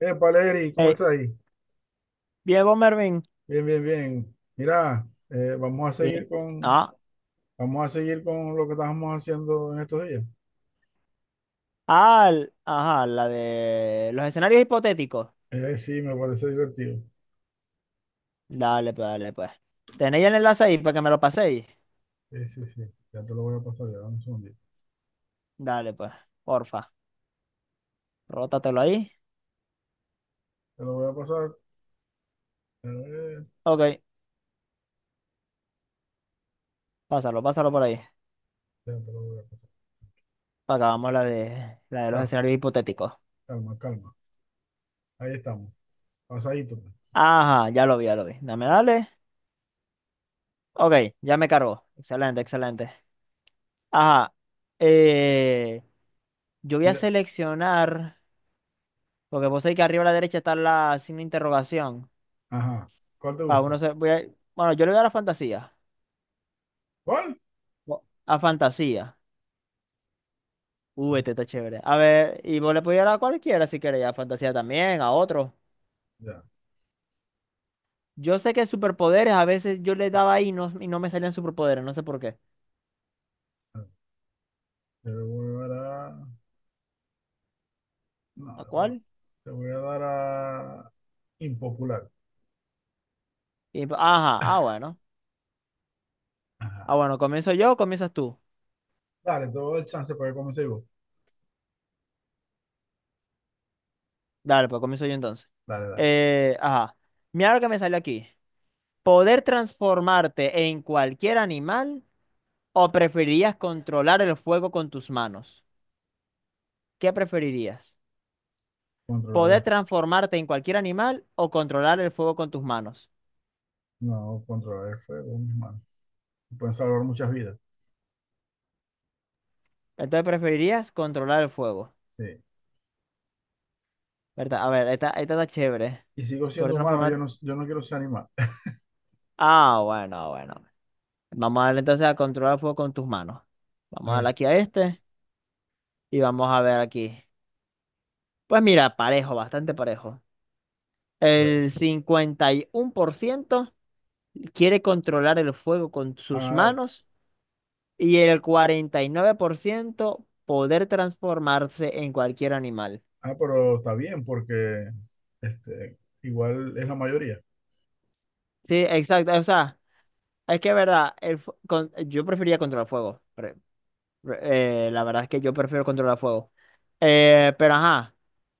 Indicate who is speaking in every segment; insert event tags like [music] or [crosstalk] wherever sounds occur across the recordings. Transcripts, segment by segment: Speaker 1: Valeri, ¿cómo
Speaker 2: Eh,
Speaker 1: está ahí?
Speaker 2: Diego Mervin.
Speaker 1: Bien, bien, bien. Mira,
Speaker 2: vi- Ah,
Speaker 1: vamos a seguir con lo que estábamos haciendo en estos días.
Speaker 2: ajá, la de los escenarios hipotéticos.
Speaker 1: Sí, me parece divertido.
Speaker 2: Dale, pues, dale, pues. ¿Tenéis el enlace ahí para que me lo paséis?
Speaker 1: Sí, sí, sí. Ya te lo voy a pasar, ya dame un segundito.
Speaker 2: Dale, pues, porfa. Rótatelo ahí.
Speaker 1: Te lo voy a pasar. eh,
Speaker 2: Ok, pásalo, pásalo por ahí.
Speaker 1: ya te lo voy a pasar.
Speaker 2: Acabamos la de los
Speaker 1: Calma,
Speaker 2: escenarios hipotéticos.
Speaker 1: calma, calma. Ahí estamos. Pasadito, pues.
Speaker 2: Ajá, ya lo vi, ya lo vi. Dame, dale. Ok, ya me cargó. Excelente, excelente. Ajá. Eh, yo voy a
Speaker 1: Mira,
Speaker 2: seleccionar, porque vos sabéis que arriba a la derecha está la signo de interrogación.
Speaker 1: ajá. ¿Cuál te
Speaker 2: Ah, uno
Speaker 1: gusta?
Speaker 2: se, voy a, bueno, yo le voy a la fantasía.
Speaker 1: ¿Cuál?
Speaker 2: A fantasía. Uy, este está chévere. A ver, y vos le podías dar a cualquiera si quería, a fantasía también, a otro.
Speaker 1: Ya.
Speaker 2: Yo sé que superpoderes, a veces yo le daba ahí y no me salían superpoderes, no sé por qué.
Speaker 1: Te voy a dar a. No,
Speaker 2: ¿A cuál?
Speaker 1: te voy a dar a impopular.
Speaker 2: Ajá, ah, bueno.
Speaker 1: Ajá.
Speaker 2: Ah, bueno, comienzo yo o comienzas tú.
Speaker 1: Dale, te doy el chance para que comience vos.
Speaker 2: Dale, pues comienzo yo entonces.
Speaker 1: Dale, dale.
Speaker 2: Ajá. Mira lo que me salió aquí. ¿Poder transformarte en cualquier animal o preferirías controlar el fuego con tus manos? ¿Qué preferirías?
Speaker 1: Controlar
Speaker 2: Poder
Speaker 1: el,
Speaker 2: transformarte en cualquier animal o controlar el fuego con tus manos.
Speaker 1: no, controlar el fuego, mis manos. Pueden salvar muchas vidas.
Speaker 2: Entonces preferirías controlar el fuego,
Speaker 1: Sí.
Speaker 2: ¿verdad? A ver, esta está chévere.
Speaker 1: Y sigo
Speaker 2: Poder
Speaker 1: siendo humano, yo
Speaker 2: transformarte.
Speaker 1: no, yo no quiero ser animal.
Speaker 2: Ah, bueno, bueno. Vamos a darle entonces a controlar el fuego con tus manos.
Speaker 1: [laughs] A
Speaker 2: Vamos a darle
Speaker 1: ver,
Speaker 2: aquí a este y vamos a ver aquí. Pues mira, parejo, bastante parejo.
Speaker 1: a ver.
Speaker 2: El 51% quiere controlar el fuego con sus
Speaker 1: Ah,
Speaker 2: manos y el 49% poder transformarse en cualquier animal.
Speaker 1: ah, pero está bien, porque este, igual es la mayoría.
Speaker 2: Sí, exacto. O sea, es que es verdad, yo prefería controlar fuego. La verdad es que yo prefiero controlar fuego. Pero ajá,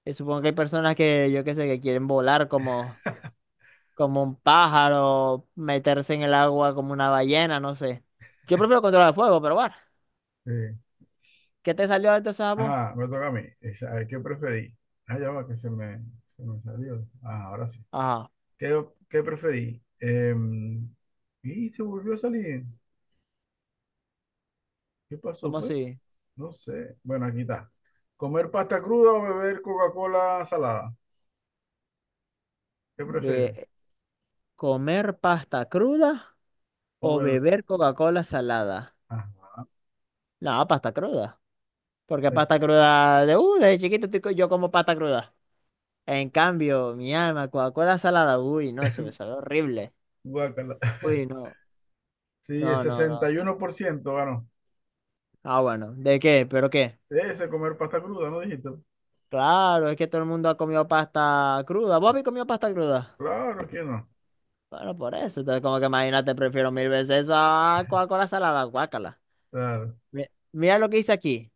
Speaker 2: supongo que hay personas que, yo qué sé, que quieren volar como, un pájaro, meterse en el agua como una ballena, no sé. Yo prefiero controlar fuego, pero bueno,
Speaker 1: Sí.
Speaker 2: ¿qué te salió entonces a vos?
Speaker 1: Ah, me toca a mí. A ver, ¿qué preferí? Ah, ya va, que se me salió. Ah, ahora sí.
Speaker 2: Ajá,
Speaker 1: ¿Qué preferí? Y se volvió a salir. ¿Qué pasó,
Speaker 2: ¿cómo
Speaker 1: pues?
Speaker 2: así?
Speaker 1: No sé. Bueno, aquí está. ¿Comer pasta cruda o beber Coca-Cola salada? ¿Qué prefieres?
Speaker 2: Be- ¿Comer pasta cruda o
Speaker 1: OBB.
Speaker 2: beber Coca-Cola salada?
Speaker 1: Ah,
Speaker 2: No, pasta cruda. Porque
Speaker 1: se-
Speaker 2: pasta cruda desde chiquito yo como pasta cruda. En cambio, mi alma, Coca-Cola salada, uy, no, eso me
Speaker 1: [laughs]
Speaker 2: sabe horrible.
Speaker 1: guácala. [laughs]
Speaker 2: Uy, no,
Speaker 1: Sí, el
Speaker 2: no, no, no.
Speaker 1: 61% ganó.
Speaker 2: Ah, bueno, ¿de qué? ¿Pero qué?
Speaker 1: Ese comer pasta cruda, ¿no dijiste?
Speaker 2: Claro, es que todo el mundo ha comido pasta cruda. ¿Vos habéis comido pasta cruda?
Speaker 1: Claro que no.
Speaker 2: Bueno, por eso. Entonces, como que imagínate, prefiero mil veces eso a Coca-Cola salada, guácala.
Speaker 1: Claro.
Speaker 2: Mi- Mira lo que hice aquí.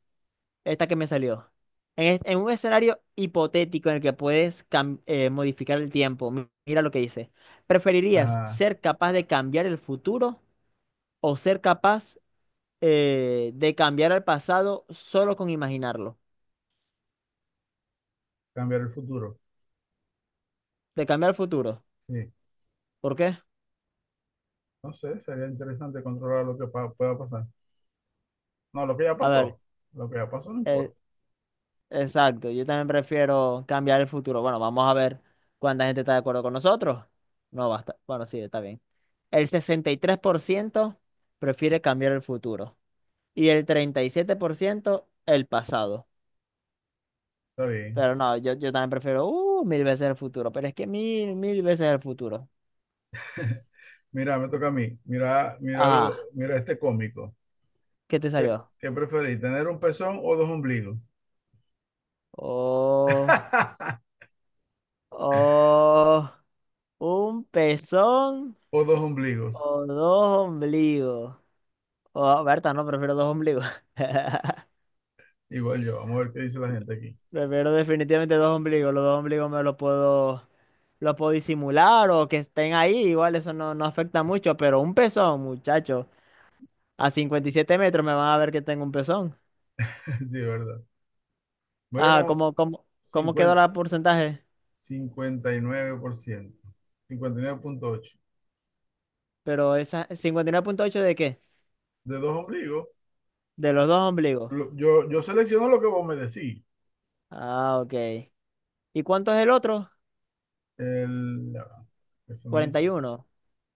Speaker 2: Esta que me salió. En un escenario hipotético en el que puedes modificar el tiempo, mira lo que dice. ¿Preferirías
Speaker 1: Ajá.
Speaker 2: ser capaz de cambiar el futuro o ser capaz de cambiar el pasado solo con imaginarlo?
Speaker 1: Cambiar el futuro.
Speaker 2: De cambiar el futuro.
Speaker 1: Sí.
Speaker 2: ¿Por qué?
Speaker 1: No sé, sería interesante controlar lo que pueda pasar. No, lo que ya
Speaker 2: A ver,
Speaker 1: pasó. Lo que ya pasó no
Speaker 2: eh,
Speaker 1: importa.
Speaker 2: exacto. Yo también prefiero cambiar el futuro. Bueno, vamos a ver cuánta gente está de acuerdo con nosotros. No basta. Bueno, sí, está bien. El 63% prefiere cambiar el futuro y el 37% el pasado.
Speaker 1: Está bien.
Speaker 2: Pero no, yo también prefiero mil veces el futuro, pero es que mil, mil veces el futuro.
Speaker 1: Mira, me toca a mí. Mira, míralo,
Speaker 2: Ajá,
Speaker 1: mira este cómico.
Speaker 2: ¿qué te
Speaker 1: ¿Qué,
Speaker 2: salió?
Speaker 1: qué preferís? ¿Tener un pezón o dos ombligos?
Speaker 2: Oh,
Speaker 1: [laughs]
Speaker 2: oh, un pezón
Speaker 1: O dos ombligos.
Speaker 2: o dos ombligos. Oh, Berta, no, prefiero dos ombligos. [laughs]
Speaker 1: Igual yo. Vamos a ver qué dice la gente aquí.
Speaker 2: Prefiero definitivamente dos ombligos. Los dos ombligos los puedo disimular o que estén ahí. Igual eso no afecta mucho, pero un pezón, muchacho. A 57 metros me van a ver que tengo un pezón.
Speaker 1: [laughs] Sí, verdad.
Speaker 2: Ah,
Speaker 1: Bueno,
Speaker 2: ¿cómo quedó
Speaker 1: cincuenta
Speaker 2: la porcentaje?
Speaker 1: cincuenta y nueve por ciento. Cincuenta y nueve punto ocho.
Speaker 2: Pero esa ¿59,8 de qué?
Speaker 1: De dos ombligos,
Speaker 2: De los dos ombligos.
Speaker 1: yo selecciono lo que vos me decís.
Speaker 2: Ah, ok. ¿Y cuánto es el otro?
Speaker 1: ¿El, ya va, que se me
Speaker 2: Cuarenta
Speaker 1: hizo?
Speaker 2: y uno.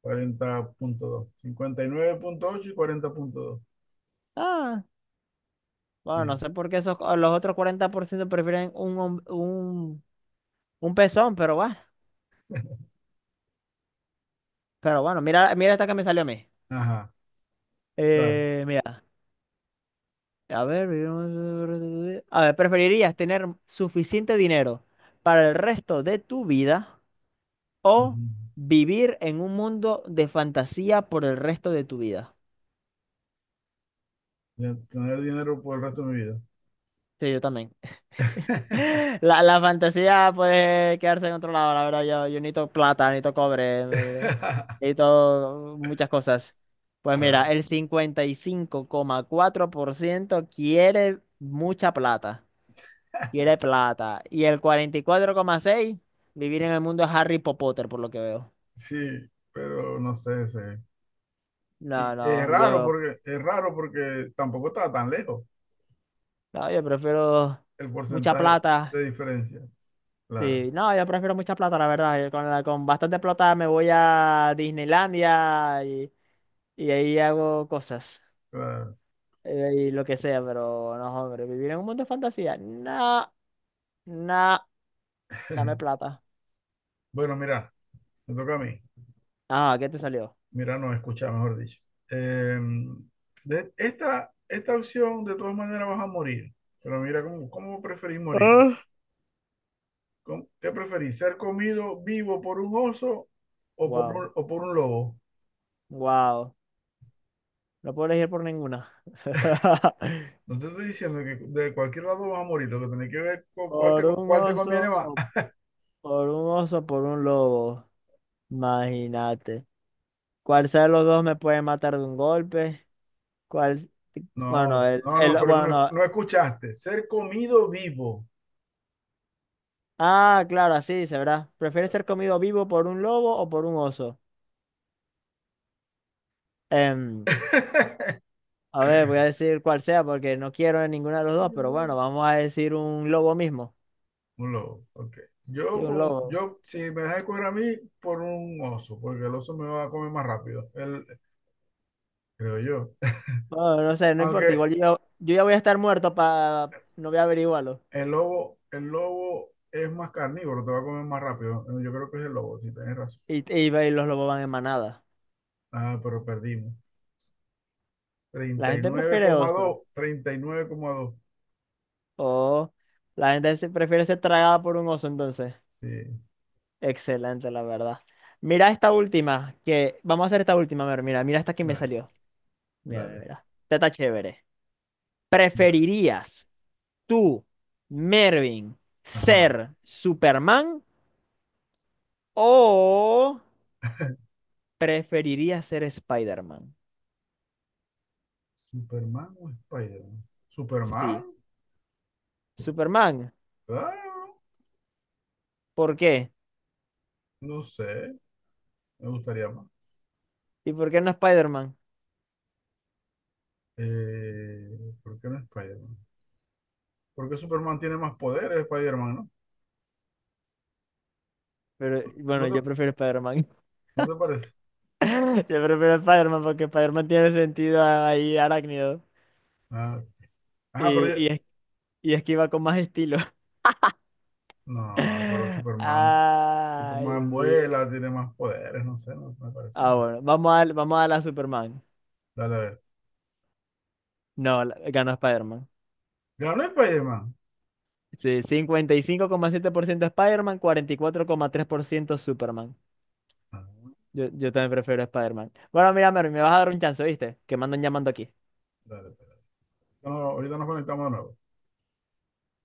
Speaker 1: 40,2, 59,8 y nueve punto ocho y cuarenta punto dos.
Speaker 2: Ah,
Speaker 1: Sí.
Speaker 2: bueno, no sé por qué esos, los otros 40% prefieren un pezón, pero bueno. Pero bueno, mira, mira esta que me salió a mí.
Speaker 1: Ajá, dale.
Speaker 2: Mira, a ver. A ver, ¿preferirías tener suficiente dinero para el resto de tu vida o
Speaker 1: Ujú.
Speaker 2: vivir en un mundo de fantasía por el resto de tu vida?
Speaker 1: Ya, tener dinero por el resto de mi vida.
Speaker 2: Sí, yo también. [laughs]
Speaker 1: [laughs]
Speaker 2: La fantasía puede quedarse en otro lado, la verdad. Yo necesito plata, necesito cobre, eh, necesito muchas cosas. Pues mira,
Speaker 1: Claro,
Speaker 2: el 55,4% quiere mucha plata. Quiere plata. Y el 44,6% vivir en el mundo de Harry Potter, por lo que veo.
Speaker 1: sí, pero no sé, sí.
Speaker 2: No,
Speaker 1: Y
Speaker 2: no, yo,
Speaker 1: es raro porque tampoco estaba tan lejos.
Speaker 2: no, yo prefiero
Speaker 1: El
Speaker 2: mucha
Speaker 1: porcentaje
Speaker 2: plata.
Speaker 1: de diferencia. Claro,
Speaker 2: Sí, no, yo prefiero mucha plata, la verdad. Con bastante plata me voy a Disneylandia y, ahí hago cosas.
Speaker 1: claro.
Speaker 2: Y lo que sea, pero no, hombre, vivir en un mundo de fantasía. No, no, dame plata.
Speaker 1: Bueno, mira, me toca a mí.
Speaker 2: Ah, ¿qué te salió?
Speaker 1: Mira, no, escucha, mejor dicho. Eh, esta opción, de todas maneras, vas a morir. Pero mira, ¿cómo preferís morir?
Speaker 2: Ah.
Speaker 1: ¿Qué preferís? ¿Ser comido vivo por un oso o por
Speaker 2: Wow,
Speaker 1: un, o por un lobo?
Speaker 2: wow. No puedo elegir por ninguna. [laughs]
Speaker 1: No te estoy diciendo que de cualquier lado vas a morir. Lo que tenés que ver con cuál te,
Speaker 2: Por un
Speaker 1: cuál te conviene
Speaker 2: oso
Speaker 1: más.
Speaker 2: o
Speaker 1: [laughs]
Speaker 2: por un oso, por un lobo. Imagínate. ¿Cuál sea de los dos me puede matar de un golpe? ¿Cuál? Bueno,
Speaker 1: No, no, no, pero
Speaker 2: bueno,
Speaker 1: no,
Speaker 2: no.
Speaker 1: no escuchaste. Ser comido vivo.
Speaker 2: Ah, claro, así se verá. ¿Prefieres ser comido vivo por un lobo o por un oso? Em, a ver, voy a decir cuál sea porque no quiero ninguna de los dos, pero bueno,
Speaker 1: [laughs]
Speaker 2: vamos a decir un lobo mismo.
Speaker 1: Un lobo, ok.
Speaker 2: Sí,
Speaker 1: Yo,
Speaker 2: un
Speaker 1: con-
Speaker 2: lobo.
Speaker 1: yo, si me dejas escoger a mí, por un oso, porque el oso me va a comer más rápido, creo yo.
Speaker 2: Bueno, no sé,
Speaker 1: [laughs]
Speaker 2: no importa.
Speaker 1: Aunque
Speaker 2: Igual yo ya voy a estar muerto para... No voy a averiguarlo.
Speaker 1: el lobo es más carnívoro, te va a comer más rápido. Yo creo que es el lobo, si tenés razón.
Speaker 2: Ve, los lobos van en manada.
Speaker 1: Ah, pero perdimos.
Speaker 2: La
Speaker 1: Treinta y
Speaker 2: gente
Speaker 1: nueve
Speaker 2: prefiere
Speaker 1: coma
Speaker 2: oso.
Speaker 1: dos, treinta y nueve coma dos,
Speaker 2: O la gente prefiere ser tragada por un oso, entonces.
Speaker 1: 39,2, 39,2. Sí,
Speaker 2: Excelente, la verdad. Mira esta última, que... Vamos a hacer esta última, a ver, mira, mira esta que me
Speaker 1: dale,
Speaker 2: salió. Mira, mira,
Speaker 1: dale,
Speaker 2: mira. Esta está chévere.
Speaker 1: dale.
Speaker 2: ¿Preferirías tú, Mervin,
Speaker 1: Ajá.
Speaker 2: ser Superman o preferirías ser Spider-Man?
Speaker 1: ¿Superman o Spider-Man?
Speaker 2: Sí,
Speaker 1: ¿Superman?
Speaker 2: Superman.
Speaker 1: Claro,
Speaker 2: ¿Por qué?
Speaker 1: no sé, me gustaría más.
Speaker 2: ¿Y por qué no Spider-Man?
Speaker 1: Eh, ¿Por qué no Spider-Man? Porque Superman tiene más poderes, Spider-Man, ¿no?
Speaker 2: Pero bueno,
Speaker 1: ¿No te,
Speaker 2: yo prefiero Spider-Man.
Speaker 1: no te parece?
Speaker 2: [laughs] Yo prefiero Spider-Man porque Spider-Man tiene sentido ahí arácnido
Speaker 1: Ah, ajá, pero
Speaker 2: y, y, es- y esquiva con más estilo.
Speaker 1: no, pero
Speaker 2: [laughs]
Speaker 1: Superman,
Speaker 2: Ay, Dios
Speaker 1: Superman
Speaker 2: mío.
Speaker 1: vuela, tiene más poderes, no sé, no me parece
Speaker 2: Ah,
Speaker 1: nada.
Speaker 2: bueno, vamos a la Superman.
Speaker 1: Dale, a ver.
Speaker 2: No, ganó Spider-Man.
Speaker 1: ¿Ganó Spider-Man?
Speaker 2: Sí, 55,7% Spider-Man, 44,3% Superman.
Speaker 1: Ah,
Speaker 2: Yo también prefiero Spider-Man. Bueno, mira, Mervin, me vas a dar un chance, ¿viste? Que me andan llamando aquí.
Speaker 1: dale, espera. No, ahorita nos conectamos de nuevo.